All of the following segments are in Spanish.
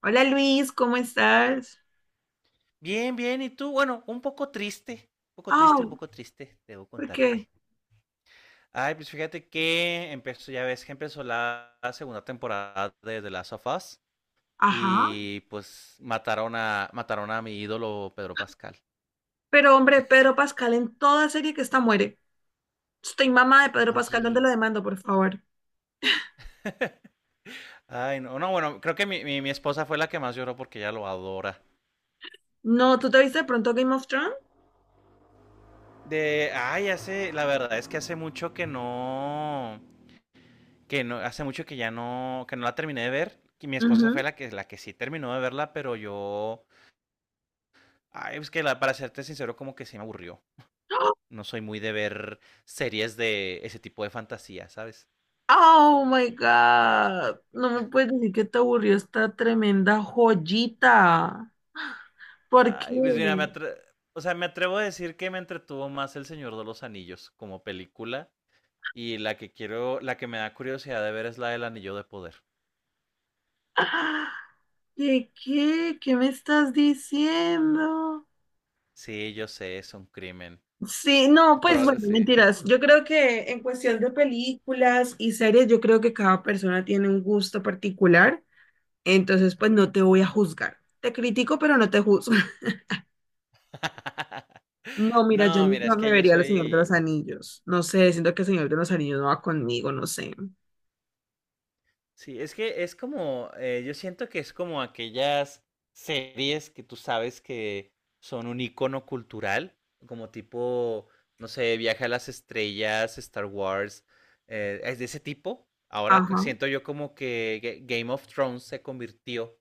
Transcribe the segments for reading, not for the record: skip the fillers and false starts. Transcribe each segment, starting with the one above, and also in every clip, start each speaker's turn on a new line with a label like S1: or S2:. S1: Hola Luis, ¿cómo estás?
S2: Bien, bien, ¿y tú? Bueno, un poco triste, un poco
S1: Ah,
S2: triste, un poco triste, debo
S1: ¿por qué?
S2: contarte. Ay, pues fíjate que empezó, ya ves que empezó la segunda temporada de The Last of Us
S1: Ajá.
S2: y pues mataron a mi ídolo Pedro Pascal.
S1: Pero hombre, Pedro Pascal en toda serie que está muere. Estoy mamá de Pedro Pascal, ¿dónde lo
S2: Oye,
S1: demando, por favor?
S2: ay, no, no, bueno, creo que mi esposa fue la que más lloró porque ella lo adora.
S1: No, ¿tú te viste de pronto Game of Thrones?
S2: Ay, la verdad es que hace mucho que no, hace mucho que ya no, que no la terminé de ver. Y mi esposa fue
S1: Ujú.
S2: la que sí terminó de verla, pero yo. Ay, es que para serte sincero, como que se me aburrió. No soy muy de ver series de ese tipo de fantasía, ¿sabes?
S1: Oh my God. No me puedes decir que te aburrió esta tremenda joyita. ¿Por
S2: Ay, pues mira,
S1: qué?
S2: o sea, me atrevo a decir que me entretuvo más El Señor de los Anillos como película. Y la que quiero, la que me da curiosidad de ver es la del Anillo de Poder.
S1: ¿Qué? ¿Qué me estás diciendo?
S2: Sí, yo sé, es un crimen.
S1: Sí, no, pues
S2: Pero,
S1: bueno,
S2: sí.
S1: mentiras. Yo creo que en cuestión de películas y series, yo creo que cada persona tiene un gusto particular, entonces pues no te voy a juzgar. Te critico, pero no te juzgo. No, mira, yo
S2: No, mira,
S1: nunca
S2: es
S1: me
S2: que yo
S1: vería El Señor de
S2: soy.
S1: los Anillos. No sé, siento que El Señor de los Anillos no va conmigo, no sé.
S2: Sí, es que es como, yo siento que es como aquellas series que tú sabes que son un icono cultural, como tipo, no sé, Viaje a las Estrellas, Star Wars, es de ese tipo. Ahora que
S1: Ajá.
S2: siento yo como que Game of Thrones se convirtió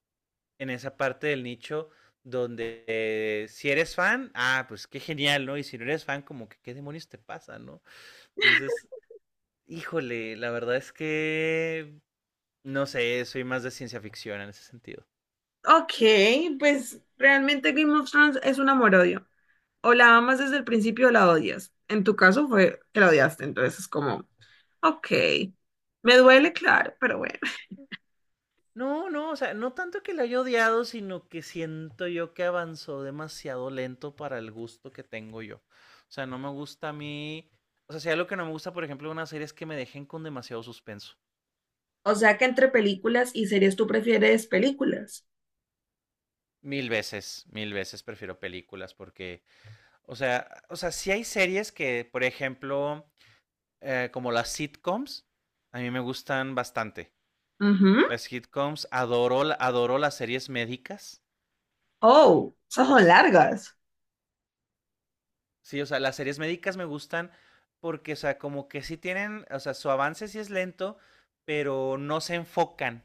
S2: en esa parte del nicho donde si eres fan, ah, pues qué genial, ¿no? Y si no eres fan, como que qué demonios te pasa, ¿no? Entonces, híjole, la verdad es que no sé, soy más de ciencia ficción en ese sentido.
S1: Ok, pues realmente Game of Thrones es un amor-odio. O la amas desde el principio o la odias. En tu caso fue que la odiaste, entonces es como, ok, me duele, claro, pero bueno.
S2: No, no, o sea, no tanto que la haya odiado, sino que siento yo que avanzó demasiado lento para el gusto que tengo yo. O sea, no me gusta a mí. O sea, si algo que no me gusta, por ejemplo, de una serie es que me dejen con demasiado suspenso.
S1: O sea que entre películas y series tú prefieres películas.
S2: Mil veces prefiero películas porque, o sea, sí hay series que, por ejemplo, como las sitcoms, a mí me gustan bastante.
S1: Ujú.
S2: Las sitcoms, adoro, adoro las series médicas,
S1: Oh, esas son
S2: ¿sí?
S1: largas.
S2: Sí, o sea, las series médicas me gustan porque, o sea, como que sí tienen, o sea, su avance sí es lento, pero no se enfocan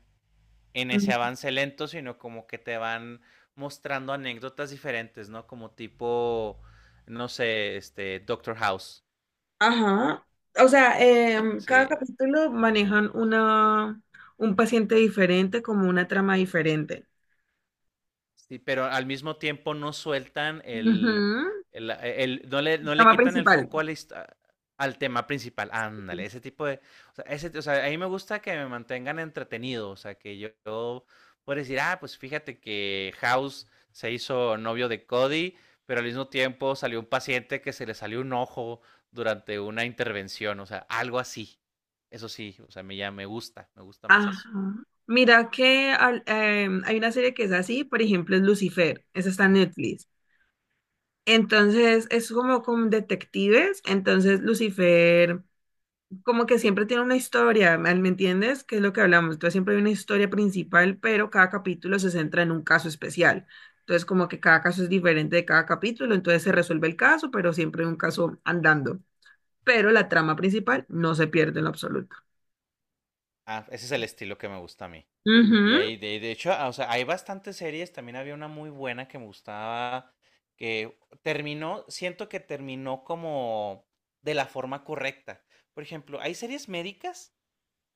S2: en ese
S1: Mm.
S2: avance lento, sino como que te van mostrando anécdotas diferentes, ¿no? Como tipo, no sé, Doctor House,
S1: Ajá. O sea, cada
S2: ¿sí?
S1: capítulo manejan una, un paciente diferente, como una trama diferente.
S2: Sí, pero al mismo tiempo no sueltan el,
S1: Ujú.
S2: no le
S1: Trama
S2: quitan el
S1: principal.
S2: foco a al tema principal. Ándale, ese tipo de, o sea, ese, o sea, a mí me gusta que me mantengan entretenido, o sea, que yo pueda decir, ah, pues fíjate que House se hizo novio de Cody, pero al mismo tiempo salió un paciente que se le salió un ojo durante una intervención, o sea, algo así. Eso sí, o sea, me ya me gusta más
S1: Ajá.
S2: eso.
S1: Mira que hay una serie que es así, por ejemplo, es Lucifer, esa está en Netflix. Entonces es como con detectives, entonces Lucifer como que siempre tiene una historia, ¿me entiendes? Que es lo que hablamos. Entonces siempre hay una historia principal, pero cada capítulo se centra en un caso especial. Entonces como que cada caso es diferente de cada capítulo, entonces se resuelve el caso, pero siempre hay un caso andando. Pero la trama principal no se pierde en lo absoluto.
S2: Ah, ese es el estilo que me gusta a mí. Y
S1: Ujú,
S2: ahí, de hecho, ah, o sea, hay bastantes series. También había una muy buena que me gustaba. Que terminó, siento que terminó como de la forma correcta. Por ejemplo, hay series médicas,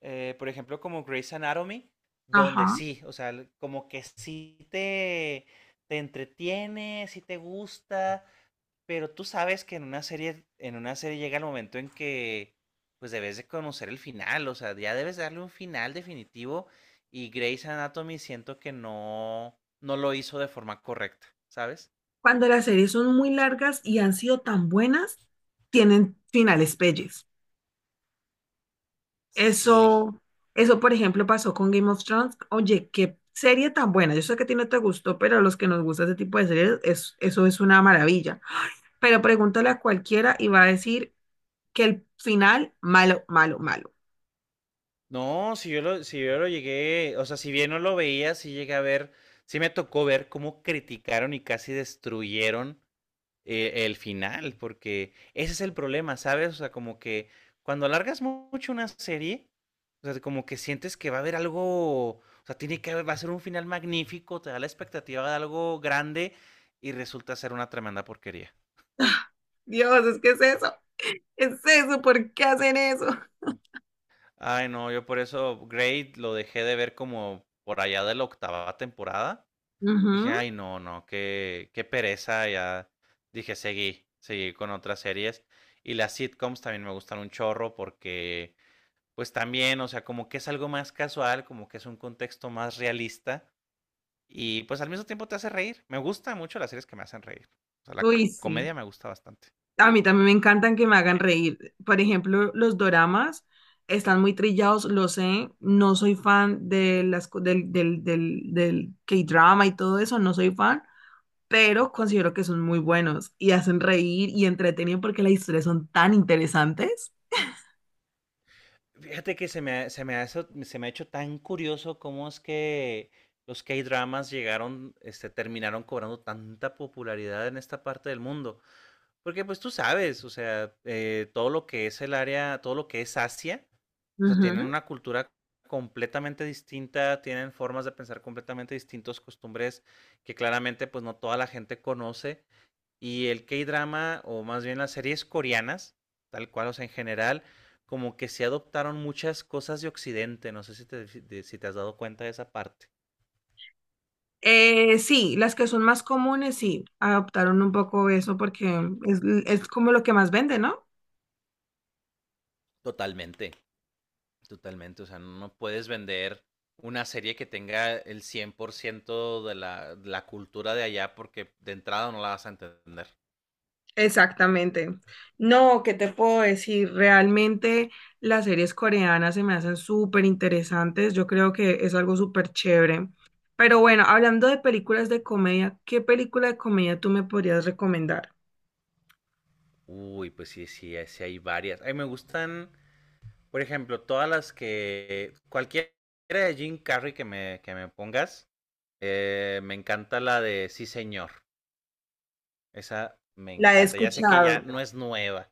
S2: por ejemplo, como Grey's Anatomy, donde
S1: ajá.
S2: sí, o sea, como que sí te entretiene, sí te gusta pero tú sabes que en una serie llega el momento en que pues debes de conocer el final, o sea, ya debes darle un final definitivo y Grey's Anatomy siento que no, no lo hizo de forma correcta, ¿sabes?
S1: Cuando las series son muy largas y han sido tan buenas, tienen finales pelles.
S2: Sí.
S1: Eso, eso, por ejemplo, pasó con Game of Thrones. Oye, qué serie tan buena. Yo sé que a ti no te gustó, pero a los que nos gusta ese tipo de series, eso es una maravilla. Pero pregúntale a cualquiera y va a decir que el final, malo, malo, malo.
S2: No, si yo lo llegué, o sea, si bien no lo veía, sí llegué a ver, sí me tocó ver cómo criticaron y casi destruyeron el final, porque ese es el problema, ¿sabes? O sea, como que cuando alargas mucho una serie, o sea, como que sientes que va a haber algo, o sea, tiene que haber, va a ser un final magnífico, te da la expectativa de algo grande y resulta ser una tremenda porquería.
S1: Dios, es que es eso. Es eso, ¿por qué hacen eso?
S2: Ay, no, yo por eso Grey lo dejé de ver como por allá de la octava temporada. Dije,
S1: Ujú.
S2: ay, no, no, qué, qué pereza, ya. Dije, seguí, seguí con otras series. Y las sitcoms también me gustan un chorro porque pues también, o sea, como que es algo más casual, como que es un contexto más realista y pues al mismo tiempo te hace reír. Me gustan mucho las series que me hacen reír. O sea, la
S1: Uy, sí.
S2: comedia me gusta bastante.
S1: A mí también me encantan que me
S2: ¿Sí?
S1: hagan reír. Por ejemplo, los doramas están muy trillados, lo sé. No soy fan de las, del K-drama y todo eso, no soy fan, pero considero que son muy buenos y hacen reír y entretienen porque las historias son tan interesantes.
S2: Fíjate que se me ha hecho tan curioso cómo es que los K-dramas llegaron, terminaron cobrando tanta popularidad en esta parte del mundo. Porque pues tú sabes, o sea, todo lo que es el área, todo lo que es Asia, o sea, tienen
S1: Ujú.
S2: una cultura completamente distinta, tienen formas de pensar completamente distintos, costumbres que claramente pues no toda la gente conoce. Y el K-drama, o más bien las series coreanas, tal cual, o sea, en general, como que se adoptaron muchas cosas de Occidente. No sé si si te has dado cuenta de esa parte.
S1: Sí, las que son más comunes, sí, adoptaron un poco eso porque es como lo que más vende, ¿no?
S2: Totalmente. Totalmente, o sea, no puedes vender una serie que tenga el 100% de la cultura de allá porque de entrada no la vas a entender.
S1: Exactamente. No, ¿qué te puedo decir? Realmente las series coreanas se me hacen súper interesantes. Yo creo que es algo súper chévere. Pero bueno, hablando de películas de comedia, ¿qué película de comedia tú me podrías recomendar?
S2: Uy, pues sí, sí, sí hay varias. A mí me gustan, por ejemplo, todas las que... Cualquiera de Jim Carrey que me pongas, me encanta la de Sí, señor. Esa me
S1: La he
S2: encanta. Ya sé que ya
S1: escuchado.
S2: no es nueva.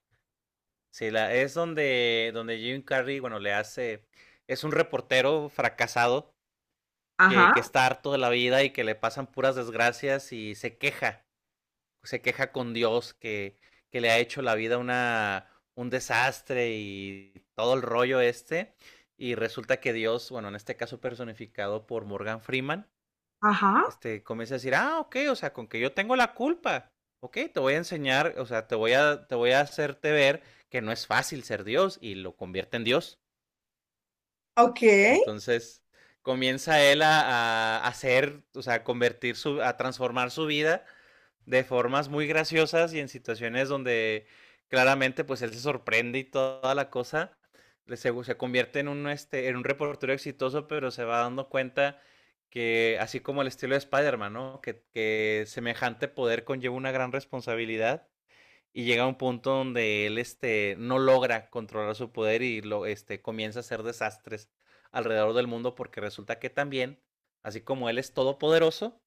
S2: Sí, es donde Jim Carrey, bueno, le hace... Es un reportero fracasado que,
S1: Ajá,
S2: que está harto de la vida y que le pasan puras desgracias y se queja con Dios que le ha hecho la vida un desastre y todo el rollo este. Y resulta que Dios, bueno, en este caso personificado por Morgan Freeman,
S1: ajá.
S2: comienza a decir, ah, ok, o sea, con que yo tengo la culpa, ok, te voy a enseñar, o sea, te voy a hacerte ver que no es fácil ser Dios y lo convierte en Dios.
S1: Ok.
S2: Entonces comienza él a hacer, o sea, a transformar su vida de formas muy graciosas y en situaciones donde claramente pues él se sorprende y toda la cosa. Se convierte en un reportero exitoso, pero se va dando cuenta que así como el estilo de Spider-Man, ¿no? Semejante poder conlleva una gran responsabilidad y llega a un punto donde él no logra controlar su poder y lo, comienza a hacer desastres alrededor del mundo porque resulta que también, así como él es todopoderoso,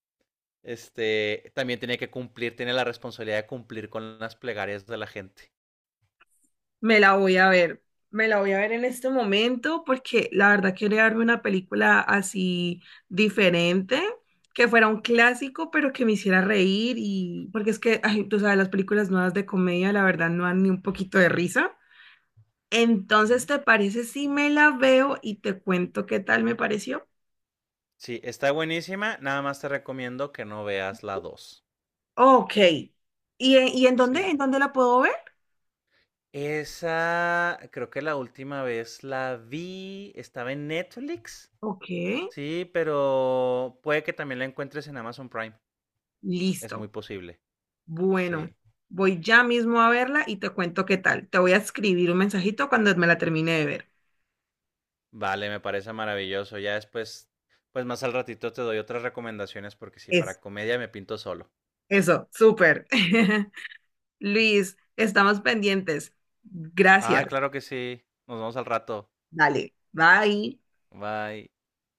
S2: también tiene que cumplir, tiene la responsabilidad de cumplir con las plegarias de la gente.
S1: Me la voy a ver, me la voy a ver en este momento porque la verdad quería darme una película así diferente, que fuera un clásico, pero que me hiciera reír y porque es que, ay, tú sabes, las películas nuevas de comedia la verdad no dan ni un poquito de risa. Entonces,
S2: Ujú.
S1: ¿te parece si me la veo y te cuento qué tal me pareció?
S2: Sí, está buenísima, nada más te recomiendo que no veas la dos.
S1: Ok. Y
S2: Sí.
S1: en dónde la puedo ver?
S2: Esa, creo que la última vez la vi, estaba en Netflix,
S1: Ok,
S2: sí, pero puede que también la encuentres en Amazon Prime. Es muy
S1: listo.
S2: posible. Sí.
S1: Bueno, voy ya mismo a verla y te cuento qué tal. Te voy a escribir un mensajito cuando me la termine de ver.
S2: Vale, me parece maravilloso. Ya después, pues más al ratito te doy otras recomendaciones porque sí,
S1: Eso,
S2: para comedia me pinto solo.
S1: eso, súper. Luis, estamos pendientes. Gracias.
S2: Ah, claro que sí. Nos vemos al rato.
S1: Dale, bye.
S2: Bye.